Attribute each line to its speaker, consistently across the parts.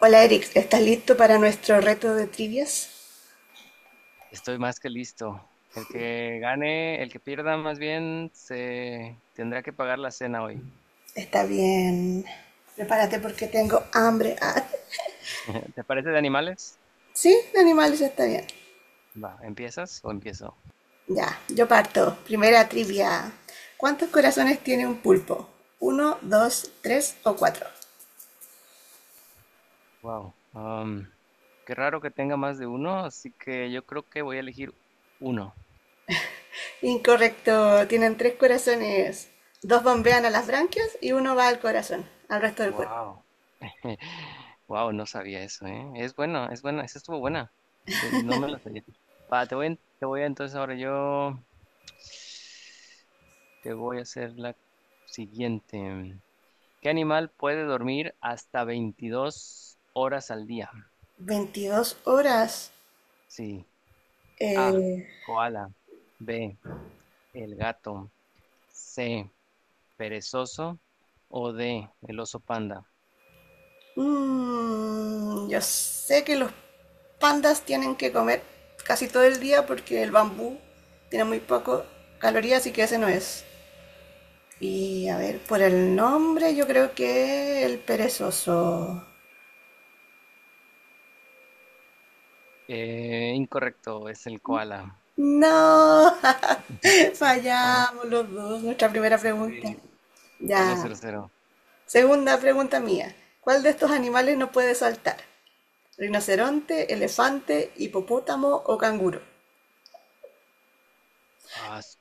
Speaker 1: Hola Eric, ¿estás listo para nuestro reto de trivias?
Speaker 2: Estoy más que listo. El que gane, el que pierda más bien, se tendrá que pagar la cena hoy.
Speaker 1: Está bien. Prepárate porque tengo hambre. Ah,
Speaker 2: ¿Te parece de animales?
Speaker 1: sí, de animales está bien.
Speaker 2: Va, ¿empiezas o empiezo?
Speaker 1: Ya, yo parto. Primera trivia. ¿Cuántos corazones tiene un pulpo? ¿Uno, dos, tres o cuatro?
Speaker 2: Wow. Qué raro que tenga más de uno, así que yo creo que voy a elegir uno.
Speaker 1: Incorrecto, tienen tres corazones. Dos bombean a las branquias y uno va al corazón, al resto del cuerpo.
Speaker 2: Wow. Wow, no sabía eso, ¿eh? Es bueno, es buena, esa estuvo buena. No me la sabía. Va, te voy, en- te voy a- entonces ahora yo te voy a hacer la siguiente. ¿Qué animal puede dormir hasta 22 horas al día?
Speaker 1: 22 horas.
Speaker 2: Sí. A.
Speaker 1: Eh,
Speaker 2: Koala. B. El gato. C. Perezoso. O D. El oso panda.
Speaker 1: Yo sé que los pandas tienen que comer casi todo el día porque el bambú tiene muy poco calorías, así que ese no es. Y a ver, por el nombre yo creo que el perezoso.
Speaker 2: Incorrecto, es el koala.
Speaker 1: No,
Speaker 2: Vamos,
Speaker 1: fallamos los dos, nuestra primera pregunta.
Speaker 2: eh, vamos
Speaker 1: Ya,
Speaker 2: cero. Cero.
Speaker 1: segunda pregunta mía. ¿Cuál de estos animales no puede saltar? ¿Rinoceronte, elefante, hipopótamo o canguro?
Speaker 2: Ah,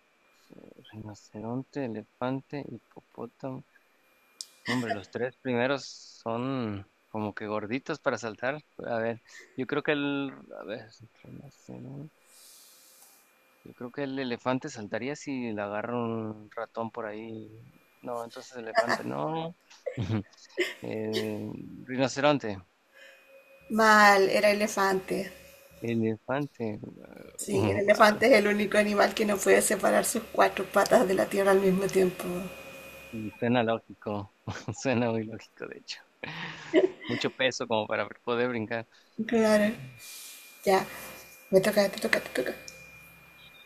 Speaker 2: rinoceronte, elefante, hipopótamo. No, hombre, los tres primeros son como que gorditos para saltar. A ver, yo creo que el... A ver, rinoceronte. Yo creo que el elefante saltaría si le agarra un ratón por ahí. No, entonces elefante no. Eh, Rinoceronte.
Speaker 1: Mal, era elefante.
Speaker 2: Elefante.
Speaker 1: Sí, el
Speaker 2: Wow.
Speaker 1: elefante es el único animal que no puede separar sus cuatro patas de la tierra al mismo tiempo.
Speaker 2: Y suena lógico. Suena muy lógico, de hecho. Mucho peso como para poder brincar.
Speaker 1: Claro, ya. Me toca, te toca, te toca.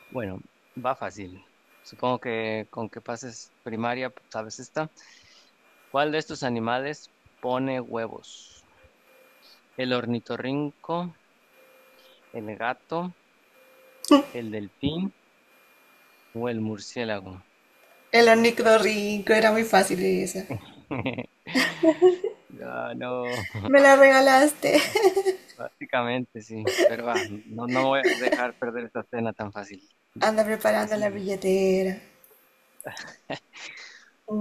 Speaker 2: Bueno, va fácil. Supongo que con que pases primaria, pues, sabes esta. ¿Cuál de estos animales pone huevos? ¿El ornitorrinco, el gato, el delfín o el murciélago?
Speaker 1: El ornitorrinco era muy fácil esa.
Speaker 2: Ah, no,
Speaker 1: Me la regalaste.
Speaker 2: básicamente sí. Pero va, no, no voy a dejar perder esta cena tan fácil.
Speaker 1: Anda
Speaker 2: La que
Speaker 1: preparando la
Speaker 2: sí.
Speaker 1: billetera.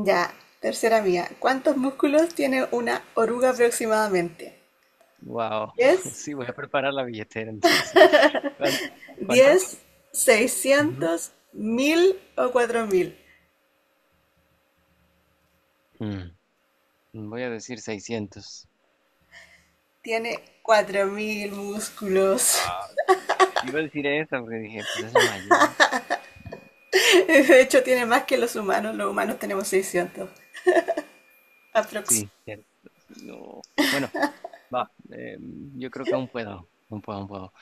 Speaker 1: Ya, tercera mía. ¿Cuántos músculos tiene una oruga aproximadamente?
Speaker 2: Wow.
Speaker 1: 10.
Speaker 2: Sí, voy a preparar la billetera entonces. ¿Cuán- ¿Cuánto?
Speaker 1: 10.
Speaker 2: Ujú.
Speaker 1: 600.000 o 4.000.
Speaker 2: Mm, Voy a decir seiscientos.
Speaker 1: Tiene 4.000 músculos.
Speaker 2: Ah, iba a decir esa porque dije, pues es la mayor.
Speaker 1: De hecho, tiene más que los humanos. Los humanos tenemos 600. Aprox.
Speaker 2: Sí, cierto. Sí, no. Bueno, va. Yo creo que aún puedo. Aún puedo, aún puedo.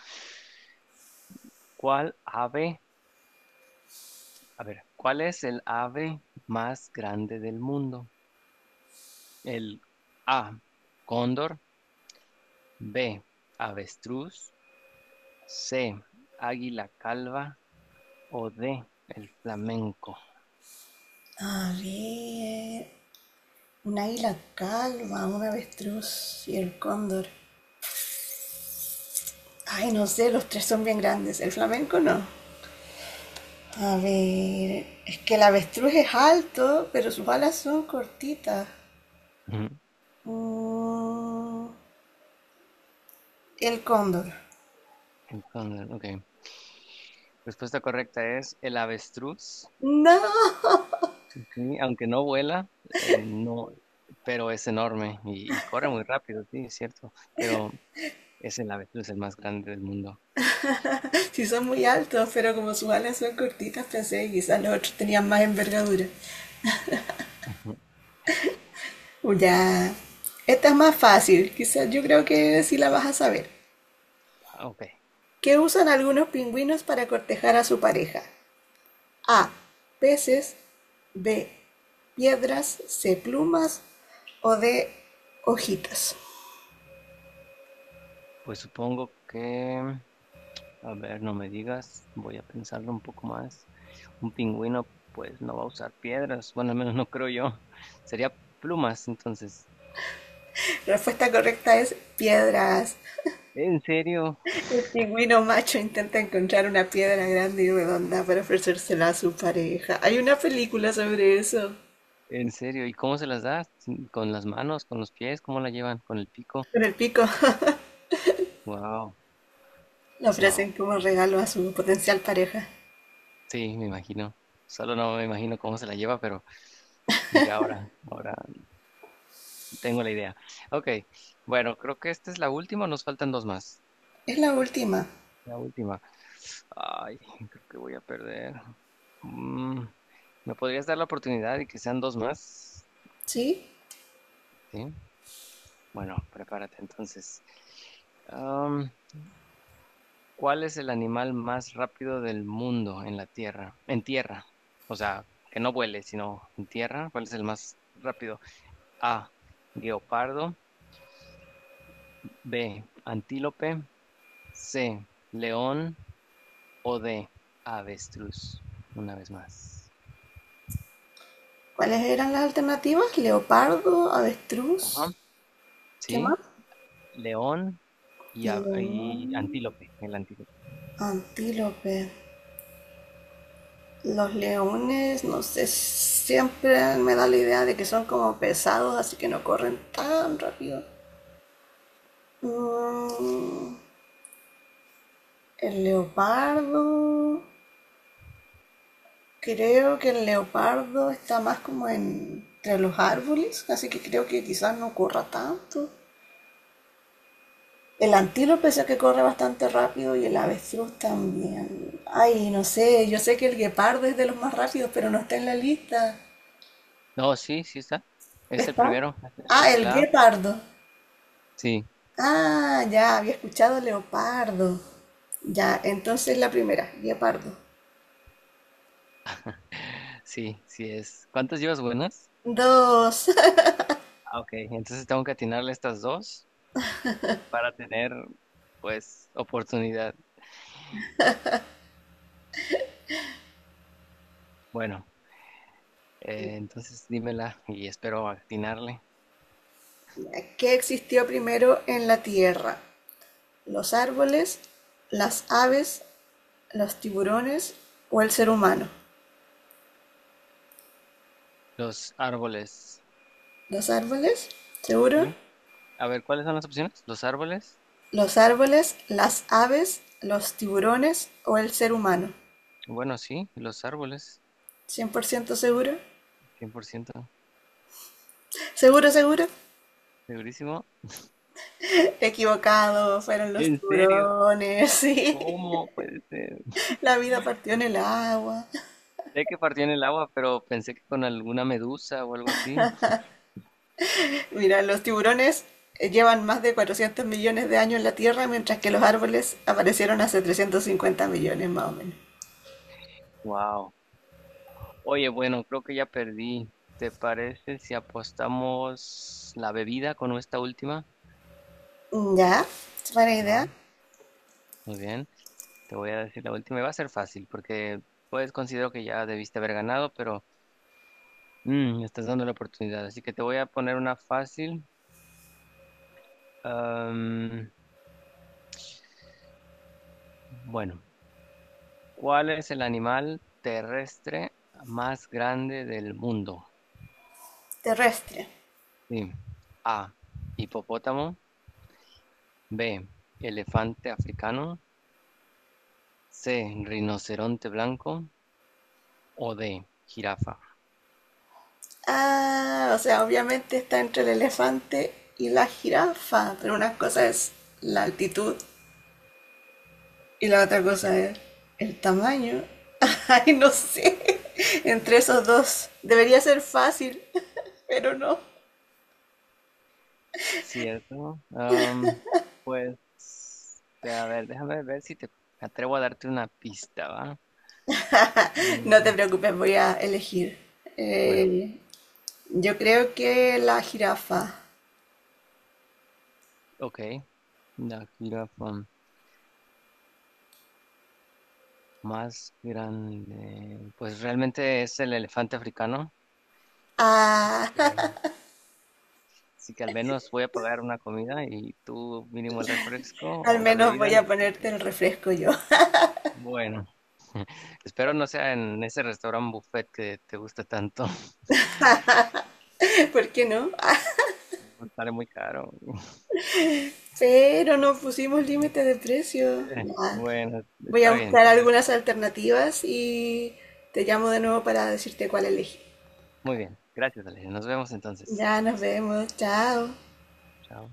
Speaker 2: ¿Cuál ave A ver, ¿cuál es el ave más grande del mundo? El A, cóndor, B, avestruz, C, águila calva o D, el flamenco.
Speaker 1: A ver. Un águila calva, un avestruz y el cóndor. Ay, no sé, los tres son bien grandes. El flamenco no. A ver. Es que el avestruz es alto, pero sus alas son cortitas. Mm, el cóndor.
Speaker 2: Ujú, cóndor, ok. Respuesta correcta es el avestruz,
Speaker 1: No,
Speaker 2: sí, aunque no vuela, no, pero es enorme y corre muy rápido, sí, es cierto, pero es el avestruz el más grande del mundo.
Speaker 1: sí son muy altos, pero como sus alas son cortitas, pensé que quizás los otros tenían más envergadura.
Speaker 2: Ujú.
Speaker 1: Ya. Esta es más fácil. Quizás yo creo que sí la vas a saber.
Speaker 2: Ok,
Speaker 1: ¿Qué usan algunos pingüinos para cortejar a su pareja? A. Peces. B. Piedras. C. Plumas. O D. Hojitas.
Speaker 2: pues supongo que... A ver, no me digas, voy a pensarlo un poco más. Un pingüino, pues no va a usar piedras, bueno, al menos no creo yo. Sería plumas, entonces.
Speaker 1: La respuesta correcta es piedras.
Speaker 2: ¿En serio?
Speaker 1: El pingüino macho intenta encontrar una piedra grande y redonda para ofrecérsela a su pareja. Hay una película sobre eso.
Speaker 2: ¿En serio? ¿Y cómo se las das? ¿Con las manos, con los pies? ¿Cómo la llevan? ¿Con el pico?
Speaker 1: Con el pico
Speaker 2: Wow,
Speaker 1: la
Speaker 2: wow.
Speaker 1: ofrecen como regalo a su potencial pareja.
Speaker 2: Sí, me imagino. Solo no me imagino cómo se la lleva, pero ya ahora, ahora tengo la idea. Ok, bueno, creo que esta es la última, nos faltan dos más.
Speaker 1: Es la última.
Speaker 2: La última. Ay, creo que voy a perder. Mm, ¿Me podrías dar la oportunidad y que sean dos más?
Speaker 1: Sí.
Speaker 2: Sí. Bueno, prepárate entonces. Am, ¿Cuál es el animal más rápido del mundo en la tierra? En tierra. O sea, que no vuele, sino en tierra. ¿Cuál es el más rápido? A, guepardo. B, antílope. C, león. O D, avestruz. Una vez más.
Speaker 1: ¿Cuáles eran las alternativas? Leopardo,
Speaker 2: Ajá.
Speaker 1: avestruz, ¿qué
Speaker 2: ¿Sí?
Speaker 1: más?
Speaker 2: León
Speaker 1: León,
Speaker 2: y antílope, el antílope.
Speaker 1: antílope. Los leones, no sé, siempre me da la idea de que son como pesados, así que no corren tan rápido. Mm, el leopardo, creo que el leopardo está más como entre los árboles, así que creo que quizás no corra tanto. El antílope sé que corre bastante rápido y el avestruz también. Ay, no sé, yo sé que el guepardo es de los más rápidos, pero no está en la lista.
Speaker 2: No, sí, sí está. Es el
Speaker 1: ¿Está?
Speaker 2: primero, es
Speaker 1: Ah,
Speaker 2: el
Speaker 1: el
Speaker 2: A.
Speaker 1: guepardo.
Speaker 2: Sí,
Speaker 1: Ah, ya, había escuchado leopardo. Ya, entonces la primera, guepardo.
Speaker 2: sí, sí es. ¿Cuántas llevas buenas?
Speaker 1: Dos.
Speaker 2: Ah, ok, entonces tengo que atinarle estas dos para tener, pues, oportunidad. Bueno, entonces dímela y espero atinarle.
Speaker 1: ¿Qué existió primero en la Tierra? ¿Los árboles, las aves, los tiburones o el ser humano?
Speaker 2: Los árboles,
Speaker 1: ¿Los árboles? ¿Seguro?
Speaker 2: ¿sí? A ver, ¿cuáles son las opciones? Los árboles.
Speaker 1: Los árboles, las aves, los tiburones o el ser humano.
Speaker 2: Bueno, sí, los árboles,
Speaker 1: 100% seguro.
Speaker 2: 100%,
Speaker 1: Seguro, seguro.
Speaker 2: segurísimo.
Speaker 1: Equivocado, fueron los
Speaker 2: ¿En serio?
Speaker 1: tiburones. Sí.
Speaker 2: ¿Cómo puede ser?
Speaker 1: La vida partió en el agua.
Speaker 2: Sé que partió en el agua, pero pensé que con alguna medusa o algo así.
Speaker 1: Mira, los tiburones llevan más de 400 millones de años en la Tierra, mientras que los árboles aparecieron hace 350 millones más o menos.
Speaker 2: Wow. Oye, bueno, creo que ya perdí. ¿Te parece si apostamos la bebida con esta última?
Speaker 1: Ya, es buena
Speaker 2: Va,
Speaker 1: idea.
Speaker 2: muy bien. Te voy a decir la última y va a ser fácil porque pues considero que ya debiste haber ganado, pero me estás dando la oportunidad. Así que te voy a poner una fácil. Am, bueno, ¿cuál es el animal terrestre más grande del mundo?
Speaker 1: Terrestre.
Speaker 2: Sí. A. Hipopótamo. B. Elefante africano. C. Rinoceronte blanco. O D. Jirafa.
Speaker 1: Ah, o sea, obviamente está entre el elefante y la jirafa, pero una cosa es la altitud y la otra cosa es el tamaño. Ay, no sé. Entre esos dos. Debería ser fácil, pero no.
Speaker 2: ¿Cierto? Pues, a ver, déjame ver si te atrevo a darte una pista, ¿va?
Speaker 1: No te
Speaker 2: Mm,
Speaker 1: preocupes, voy a elegir.
Speaker 2: bueno,
Speaker 1: Eh, yo creo que la jirafa.
Speaker 2: ok. La jirafa más grande. Pues realmente es el elefante africano. Así
Speaker 1: Ah,
Speaker 2: que, así que al menos voy a pagar una comida y tú mínimo el refresco
Speaker 1: al
Speaker 2: o la
Speaker 1: menos
Speaker 2: bebida,
Speaker 1: voy a
Speaker 2: lo que...
Speaker 1: ponerte el refresco yo.
Speaker 2: Bueno. Espero no sea en ese restaurante buffet que te gusta tanto.
Speaker 1: ¿Por qué no? Ah,
Speaker 2: Sale muy caro.
Speaker 1: pero no pusimos límite de precio.
Speaker 2: Eh,
Speaker 1: Ya,
Speaker 2: Bueno,
Speaker 1: voy a
Speaker 2: está bien,
Speaker 1: buscar
Speaker 2: dale.
Speaker 1: algunas alternativas y te llamo de nuevo para decirte cuál elegí.
Speaker 2: Muy bien. Gracias, Ale. Nos vemos entonces.
Speaker 1: Ya nos vemos, chao.
Speaker 2: Chao.